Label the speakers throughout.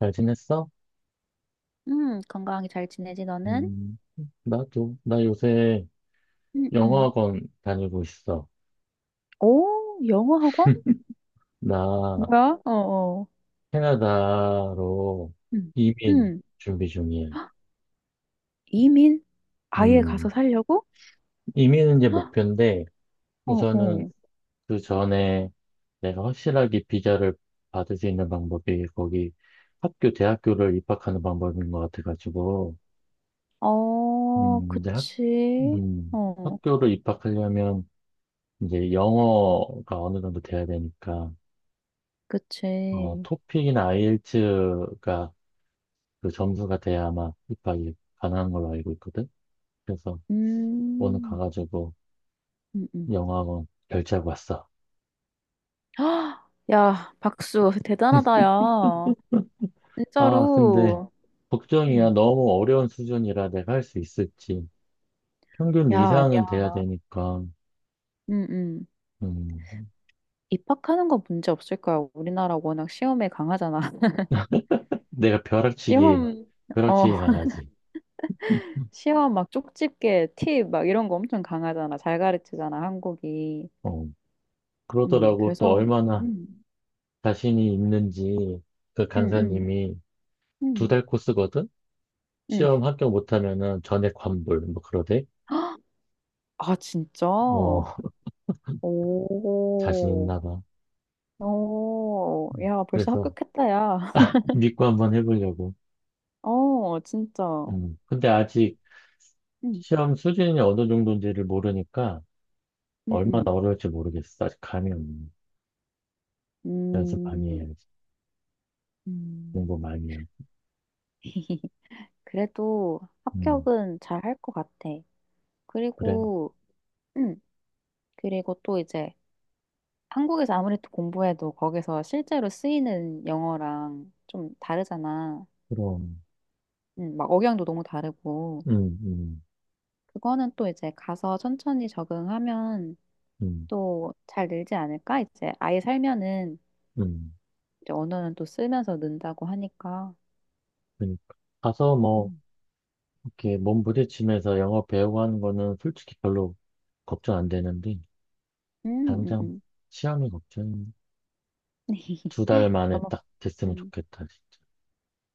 Speaker 1: 잘 지냈어?
Speaker 2: 건강하게 잘 지내지, 너는?
Speaker 1: 음, 나도, 나 요새
Speaker 2: 응응.
Speaker 1: 영어학원 다니고 있어.
Speaker 2: 오, 영어 학원?
Speaker 1: 나
Speaker 2: 뭐야? 어, 어.
Speaker 1: 캐나다로
Speaker 2: 응,
Speaker 1: 이민
Speaker 2: 응.
Speaker 1: 준비 중이야.
Speaker 2: 이민? 아예 가서
Speaker 1: 음,
Speaker 2: 살려고?
Speaker 1: 이민은 이제 목표인데,
Speaker 2: 어,
Speaker 1: 우선은
Speaker 2: 어.
Speaker 1: 그 전에 내가 확실하게 비자를 받을 수 있는 방법이 거기 학교, 대학교를 입학하는 방법인 것 같아가지고,
Speaker 2: 어,
Speaker 1: 이제
Speaker 2: 그치. 어,
Speaker 1: 학교를 입학하려면 이제 영어가 어느 정도 돼야 되니까,
Speaker 2: 그치.
Speaker 1: 토픽이나 아이엘츠가 그 점수가 돼야 아마 입학이 가능한 걸로 알고 있거든. 그래서 오늘
Speaker 2: 음,
Speaker 1: 가가지고
Speaker 2: 응, 응.
Speaker 1: 영어학원 결제하고 왔어.
Speaker 2: 헉, 야, 박수. 대단하다, 야.
Speaker 1: 아, 근데
Speaker 2: 진짜로.
Speaker 1: 걱정이야.
Speaker 2: 응.
Speaker 1: 너무 어려운 수준이라 내가 할 수 있을지. 평균
Speaker 2: 야, 아니야.
Speaker 1: 이상은 돼야 되니까,
Speaker 2: 응응.
Speaker 1: 음,
Speaker 2: 입학하는 거 문제 없을 거야. 우리나라 워낙 시험에 강하잖아.
Speaker 1: 내가
Speaker 2: 시험, 어.
Speaker 1: 벼락치기 강하지.
Speaker 2: 시험 막 쪽집게 팁 막 이런 거 엄청 강하잖아. 잘 가르치잖아, 한국이.
Speaker 1: 어, 그러더라고. 또
Speaker 2: 그래서.
Speaker 1: 얼마나
Speaker 2: 음,
Speaker 1: 자신이 있는지 그
Speaker 2: 음, 음,
Speaker 1: 강사님이 두
Speaker 2: 음,
Speaker 1: 달 코스거든?
Speaker 2: 음.
Speaker 1: 시험 합격 못하면은 전액 환불, 뭐 그러대.
Speaker 2: 아, 진짜?
Speaker 1: 어, 자신
Speaker 2: 오,
Speaker 1: 있나 봐.
Speaker 2: 오, 야, 벌써
Speaker 1: 그래서
Speaker 2: 합격했다, 야.
Speaker 1: 믿고 한번 해보려고.
Speaker 2: 어, 진짜.
Speaker 1: 근데 아직
Speaker 2: 음,
Speaker 1: 시험 수준이 어느 정도인지를 모르니까
Speaker 2: 음,
Speaker 1: 얼마나
Speaker 2: 음,
Speaker 1: 어려울지 모르겠어. 아직 감이 없네. 연습 많이
Speaker 2: 음,
Speaker 1: 해야지.
Speaker 2: 음.
Speaker 1: 공부 많이 해야지.
Speaker 2: 그래도
Speaker 1: 음,
Speaker 2: 합격은 잘 할 것 같아.
Speaker 1: 그래.
Speaker 2: 그리고, 음, 그리고 또 이제 한국에서 아무래도 공부해도 거기서 실제로 쓰이는 영어랑 좀 다르잖아.
Speaker 1: 그럼.
Speaker 2: 막 억양도 너무 다르고.
Speaker 1: 음, 음,
Speaker 2: 그거는 또 이제 가서 천천히 적응하면
Speaker 1: 음,
Speaker 2: 또 잘 늘지 않을까? 이제 아예 살면은
Speaker 1: 음.
Speaker 2: 이제 언어는 또 쓰면서 는다고 하니까.
Speaker 1: 그러니까. 가서 뭐,
Speaker 2: 음.
Speaker 1: 이렇게 몸 부딪히면서 영어 배우고 하는 거는 솔직히 별로 걱정 안 되는데, 당장
Speaker 2: 음.
Speaker 1: 시험이 걱정. 2달 만에
Speaker 2: 너무,
Speaker 1: 딱 됐으면
Speaker 2: 음,
Speaker 1: 좋겠다, 진짜.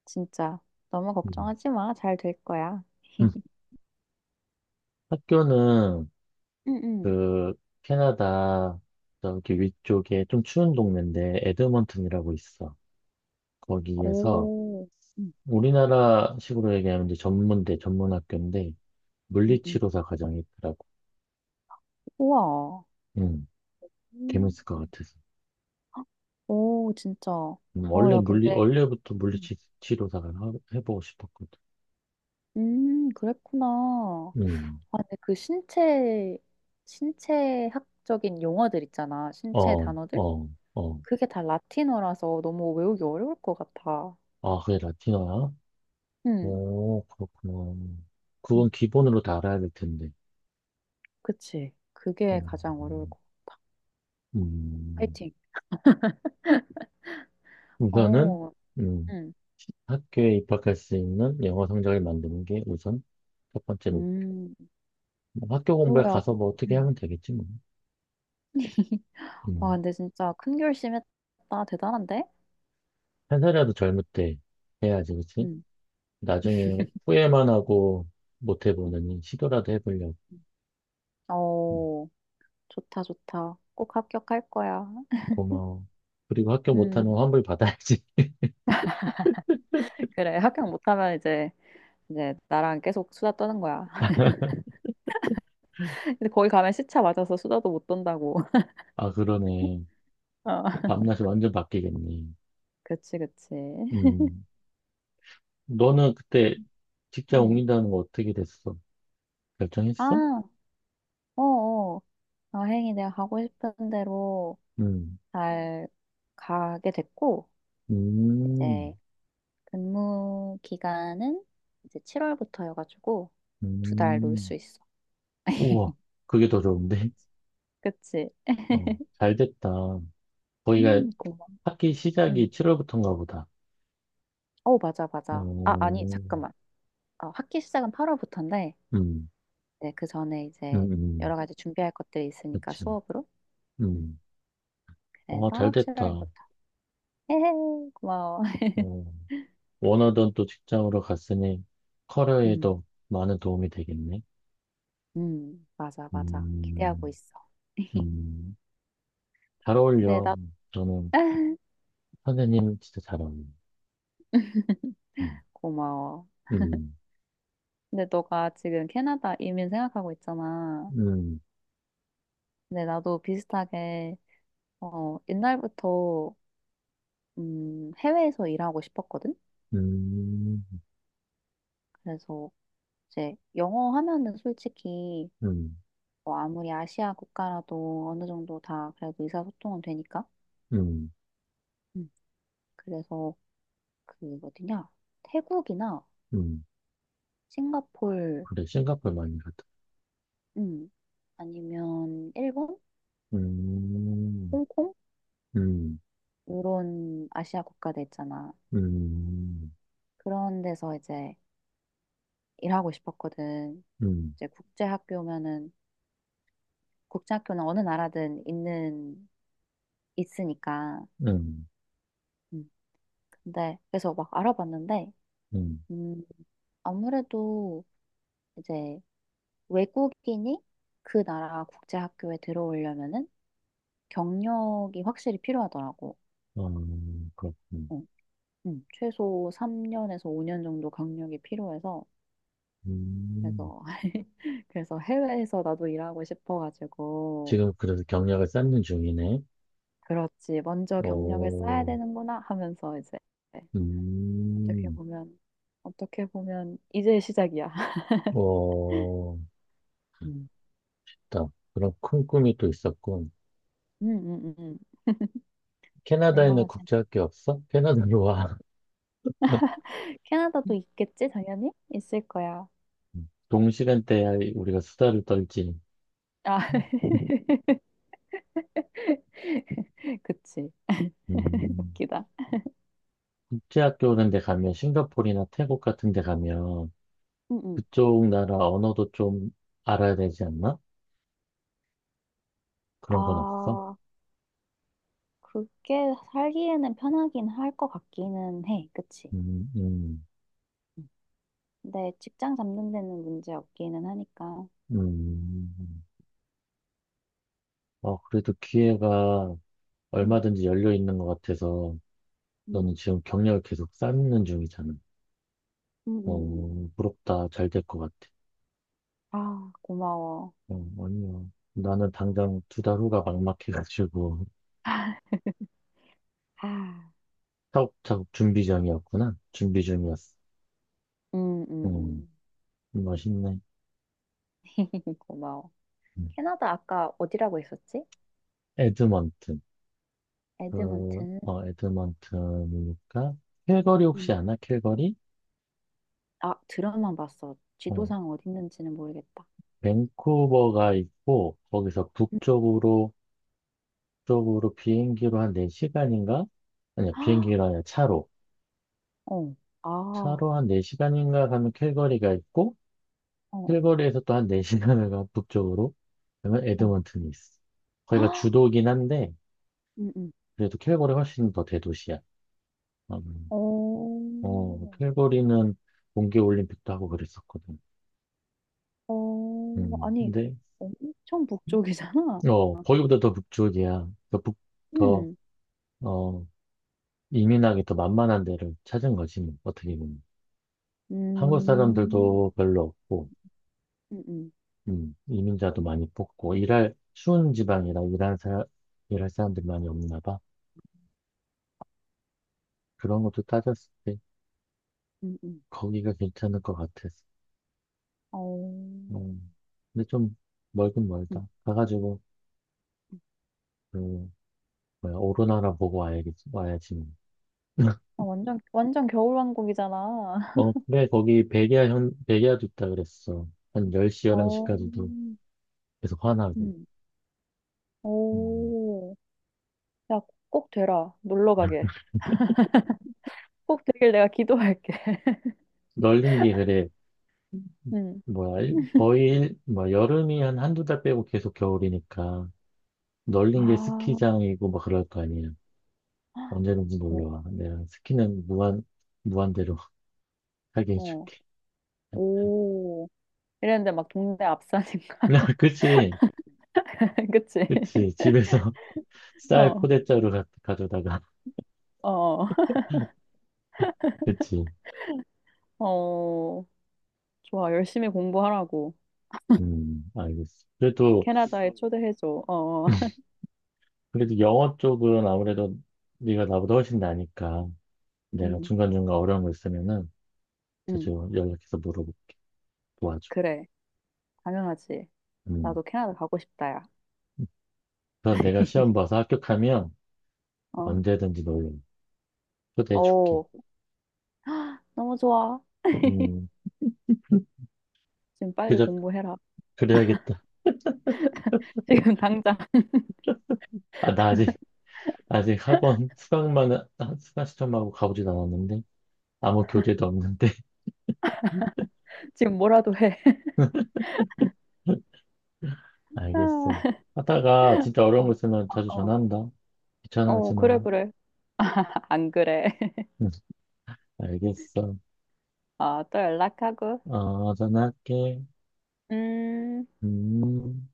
Speaker 2: 진짜. 너무
Speaker 1: 음.
Speaker 2: 걱정하지 마. 잘 될 거야.
Speaker 1: 음. 학교는
Speaker 2: 음, 음.
Speaker 1: 그 캐나다 저기 위쪽에 좀 추운 동네인데 에드먼튼이라고 있어. 거기에서
Speaker 2: 오, 응응응.
Speaker 1: 우리나라식으로 얘기하면 이제 전문대, 전문학교인데 물리치료사 과정이 있더라고.
Speaker 2: 우와.
Speaker 1: 음,
Speaker 2: 음.
Speaker 1: 재밌을 것 같아서.
Speaker 2: 오, 진짜. 어, 야, 근데
Speaker 1: 원래부터
Speaker 2: 음.
Speaker 1: 물리치료사가 해보고 싶었거든.
Speaker 2: 그랬구나.
Speaker 1: 음,
Speaker 2: 아, 근데 신체학적인 용어들 있잖아. 신체
Speaker 1: 어,
Speaker 2: 단어들?
Speaker 1: 어, 어.
Speaker 2: 그게 다 라틴어라서 너무 외우기 어려울 것 같아.
Speaker 1: 아, 그게 라틴어야?
Speaker 2: 응,
Speaker 1: 오, 그렇구나. 그건
Speaker 2: 응,
Speaker 1: 기본으로 다 알아야 될 텐데.
Speaker 2: 그치. 그게 가장 어려울
Speaker 1: 음,
Speaker 2: 것 같아.
Speaker 1: 음.
Speaker 2: 파이팅.
Speaker 1: 우선은
Speaker 2: 어,
Speaker 1: 음,
Speaker 2: 응,
Speaker 1: 학교에 입학할 수 있는 영어 성적을 만드는 게 우선 첫 번째로
Speaker 2: 음,
Speaker 1: 뭐 학교 공부에
Speaker 2: 뭐야.
Speaker 1: 가서 뭐 어떻게
Speaker 2: 응.
Speaker 1: 하면 되겠지 뭐.
Speaker 2: 와,
Speaker 1: 음,
Speaker 2: 근데 진짜 큰 결심했다. 대단한데?
Speaker 1: 한 살이라도 젊을 때 해야지 그치?
Speaker 2: 응,
Speaker 1: 나중에 후회만 하고 못
Speaker 2: 응,
Speaker 1: 해보느니 시도라도 해보려고.
Speaker 2: 응.
Speaker 1: 음,
Speaker 2: 어, 좋다, 좋다. 꼭 합격할 거야.
Speaker 1: 고마워. 그리고 학교 못하면
Speaker 2: 음,
Speaker 1: 환불 받아야지.
Speaker 2: 그래. 합격 못하면 이제 나랑 계속 수다 떠는 거야. 근데 거기 가면 시차 맞아서 수다도 못 떤다고.
Speaker 1: 아 그러네.
Speaker 2: 어.
Speaker 1: 밤낮이 완전 바뀌겠네.
Speaker 2: 그치, 그치.
Speaker 1: 음, 너는 그때 직장
Speaker 2: 음.
Speaker 1: 옮긴다는 거 어떻게 됐어? 결정했어?
Speaker 2: 아, 어어. 여행이 내가 가고 싶은 대로
Speaker 1: 음,
Speaker 2: 잘 가게 됐고,
Speaker 1: 음,
Speaker 2: 이제 근무 기간은 이제 7월부터여가지고 두 달 놀 수
Speaker 1: 음.
Speaker 2: 있어.
Speaker 1: 우와, 그게 더 좋은데?
Speaker 2: 그치. 그치.
Speaker 1: 어, 잘 됐다. 거기가
Speaker 2: 고마워.
Speaker 1: 학기 시작이
Speaker 2: 음.
Speaker 1: 7월부터인가 보다.
Speaker 2: 어, 맞아, 맞아. 아, 아니,
Speaker 1: 오,
Speaker 2: 잠깐만. 어, 학기 시작은 8월부터인데,
Speaker 1: 음,
Speaker 2: 네, 그 전에
Speaker 1: 음,
Speaker 2: 이제
Speaker 1: 음,
Speaker 2: 여러 가지 준비할 것들이 있으니까
Speaker 1: 그치.
Speaker 2: 수업으로. 음.
Speaker 1: 음, 어, 잘
Speaker 2: 그래서
Speaker 1: 됐다.
Speaker 2: 7월부터. 헤헤, 고마워.
Speaker 1: 어, 원하던 또 직장으로 갔으니
Speaker 2: 음,
Speaker 1: 커리어에도 많은 도움이 되겠네.
Speaker 2: 맞아, 맞아. 기대하고
Speaker 1: 음,
Speaker 2: 있어.
Speaker 1: 음, 잘
Speaker 2: 근데
Speaker 1: 어울려.
Speaker 2: 나,
Speaker 1: 저는 선생님 진짜 잘 어울려. 음,
Speaker 2: 고마워.
Speaker 1: 음,
Speaker 2: 근데 너가 지금 캐나다 이민 생각하고 있잖아.
Speaker 1: 음,
Speaker 2: 근데 나도 비슷하게, 어, 옛날부터, 해외에서 일하고 싶었거든?
Speaker 1: 음,
Speaker 2: 그래서 이제 영어 하면은 솔직히,
Speaker 1: 음,
Speaker 2: 뭐 아무리 아시아 국가라도 어느 정도 다 그래도 의사소통은 되니까.
Speaker 1: 음,
Speaker 2: 음, 그래서 그 어디냐? 태국이나
Speaker 1: 음.
Speaker 2: 싱가폴.
Speaker 1: 그래, 싱가포르 많이 갔다.
Speaker 2: 음. 아니면 일본,
Speaker 1: 음.
Speaker 2: 홍콩
Speaker 1: 음,
Speaker 2: 이런 아시아 국가들 있잖아.
Speaker 1: 음,
Speaker 2: 그런 데서 이제 일하고 싶었거든.
Speaker 1: 음,
Speaker 2: 이제 국제학교면은 국제학교는 어느 나라든 있는 있으니까.
Speaker 1: 음,
Speaker 2: 음. 근데 그래서 막 알아봤는데
Speaker 1: 음.
Speaker 2: 음, 아무래도 이제 외국인이 그 나라 국제학교에 들어오려면은 경력이 확실히 필요하더라고.
Speaker 1: 아 그렇군.
Speaker 2: 어, 최소 3년에서 5년 정도 경력이 필요해서
Speaker 1: 음,
Speaker 2: 그래서 그래서 해외에서 나도 일하고 싶어가지고.
Speaker 1: 지금 그래서 경력을 쌓는 중이네.
Speaker 2: 그렇지 먼저 경력을 쌓아야
Speaker 1: 어,
Speaker 2: 되는구나 하면서 이제 어떻게
Speaker 1: 음,
Speaker 2: 보면 어떻게 보면 이제 시작이야.
Speaker 1: 어,
Speaker 2: 음.
Speaker 1: 딱 그런 큰 꿈이 또 있었군.
Speaker 2: 음, 음, 음.
Speaker 1: 캐나다에는
Speaker 2: 얼마나 재
Speaker 1: 국제학교 없어? 캐나다로 와.
Speaker 2: 캐나다도 있겠지. 당연히 있을 거야.
Speaker 1: 동시간대에 우리가 수다를 떨지.
Speaker 2: 아. 그치.
Speaker 1: 음,
Speaker 2: 웃기다.
Speaker 1: 국제학교 오런데 가면 싱가포르나 태국 같은 데 가면
Speaker 2: 응, 응.
Speaker 1: 그쪽 나라 언어도 좀 알아야 되지 않나? 그런 건 없어?
Speaker 2: 아, 그게 살기에는 편하긴 할 것 같기는 해. 그치?
Speaker 1: 음, 음,
Speaker 2: 근데 직장 잡는 데는 문제 없기는 하니까.
Speaker 1: 음. 어, 그래도 기회가
Speaker 2: 음,
Speaker 1: 얼마든지 열려 있는 것 같아서 너는
Speaker 2: 음.
Speaker 1: 지금 경력을 계속 쌓는 중이잖아.
Speaker 2: 음, 음, 음.
Speaker 1: 어, 부럽다. 잘 될 것 같아.
Speaker 2: 아, 고마워.
Speaker 1: 어, 아니야. 나는 당장 2달 후가 막막해가지고
Speaker 2: 아,
Speaker 1: 차곡차곡 준비 중이었구나. 준비 중이었어. 음,
Speaker 2: 음.
Speaker 1: 멋있네.
Speaker 2: 고마워.
Speaker 1: 음.
Speaker 2: 캐나다 아까 어디라고 했었지?
Speaker 1: 에드먼튼.
Speaker 2: 에드먼튼.
Speaker 1: 에드먼튼이니까 캘거리 혹시
Speaker 2: 음,
Speaker 1: 아나? 캘거리?
Speaker 2: 아, 드라마 봤어.
Speaker 1: 어,
Speaker 2: 지도상 어디 있는지는 모르겠다.
Speaker 1: 밴쿠버가 있고 거기서
Speaker 2: 음,
Speaker 1: 북쪽으로 쪽으로 비행기로 한 4시간인가? 아니야
Speaker 2: 아,
Speaker 1: 비행기가 아니라 차로
Speaker 2: 어, 아, 어,
Speaker 1: 한 4시간인가 가면 캘거리가 있고
Speaker 2: 어,
Speaker 1: 캘거리에서 또 한 4시간을 가 북쪽으로 그러면
Speaker 2: 어.
Speaker 1: 에드먼튼이 있어. 거기가
Speaker 2: 아,
Speaker 1: 주도긴 한데
Speaker 2: 음, 음.
Speaker 1: 그래도 캘거리 훨씬 더 대도시야. 음,
Speaker 2: 어,
Speaker 1: 캘거리는 동계 올림픽도 하고 그랬었거든.
Speaker 2: 어, 아니,
Speaker 1: 근데
Speaker 2: 엄청 북쪽이잖아.
Speaker 1: 거기보다 더 북쪽이야. 더 북, 더
Speaker 2: 음,
Speaker 1: 어 이민하기 더 만만한 데를 찾은 거지, 뭐, 어떻게 보면. 한국
Speaker 2: 음,
Speaker 1: 사람들도 별로 없고,
Speaker 2: 음, 음.
Speaker 1: 이민자도 많이 뽑고, 일할, 추운 지방이라 일할 사람, 일할 사람들이 많이 없나 봐. 그런 것도 따졌을 때,
Speaker 2: 음, 음.
Speaker 1: 거기가 괜찮을 것 같았어.
Speaker 2: 어,
Speaker 1: 음, 근데 좀 멀긴
Speaker 2: 음.
Speaker 1: 멀다. 가가지고, 그, 뭐야, 오로나라 보고 와야겠지, 와야지. 뭐.
Speaker 2: 아, 완전, 완전 겨울왕국이잖아.
Speaker 1: 어, 그래, 거기 백야도 있다 그랬어. 한 10시,
Speaker 2: 어,
Speaker 1: 11시까지도 계속 화나고.
Speaker 2: 음.
Speaker 1: 음,
Speaker 2: 오. 야, 꼭 되라. 놀러 가게. 꼭 되길 내가 기도할게.
Speaker 1: 널린 게 그래.
Speaker 2: 음.
Speaker 1: 뭐야, 거의, 뭐, 여름이 한 한두 달 빼고 계속 겨울이니까, 널린 게
Speaker 2: 아,
Speaker 1: 스키장이고, 막 그럴 거 아니야. 언제든지
Speaker 2: 어,
Speaker 1: 놀러 와. 내가 스키는 무한대로 하게
Speaker 2: 어.
Speaker 1: 해줄게.
Speaker 2: 오. 이랬는데 막 동네 앞산인가?
Speaker 1: 그치,
Speaker 2: 그치?
Speaker 1: 그치. 집에서 쌀
Speaker 2: 어,
Speaker 1: 포대자루 가져다가,
Speaker 2: 어, 어.
Speaker 1: 그치.
Speaker 2: 어. 좋아. 열심히 공부하라고.
Speaker 1: 알겠어. 그래도,
Speaker 2: 캐나다에 초대해줘. 어, 어.
Speaker 1: 그래도 영어 쪽은 아무래도 네가 나보다 훨씬 나니까, 내가
Speaker 2: 음,
Speaker 1: 중간중간 어려운 거 있으면은 자주
Speaker 2: 음.
Speaker 1: 연락해서 물어보고 도와줘.
Speaker 2: 그래. 당연하지.
Speaker 1: 음.
Speaker 2: 나도 캐나다 가고 싶다, 야.
Speaker 1: 그서 내가 시험 봐서 합격하면,
Speaker 2: 어,
Speaker 1: 언제든지 놀러 초대해줄게.
Speaker 2: 어, 너무 좋아.
Speaker 1: 음,
Speaker 2: 지금 빨리
Speaker 1: 그저,
Speaker 2: 공부해라.
Speaker 1: 그래야겠다.
Speaker 2: 지금 당장,
Speaker 1: 아, 나 아직 학원 수강만, 수강 시점하고 가보진 않았는데, 아무 교재도 없는데.
Speaker 2: 지금 뭐라도 해.
Speaker 1: 알겠어.
Speaker 2: 아,
Speaker 1: 하다가 진짜 어려운 거
Speaker 2: 어,
Speaker 1: 있으면 자주
Speaker 2: 어,
Speaker 1: 전화한다.
Speaker 2: 어, 어,
Speaker 1: 귀찮아하지
Speaker 2: 그래,
Speaker 1: 마.
Speaker 2: 그래. 아, 안 그래.
Speaker 1: 응, 알겠어.
Speaker 2: 아, 또 연락하고.
Speaker 1: 어, 전화할게.
Speaker 2: 음.
Speaker 1: 음.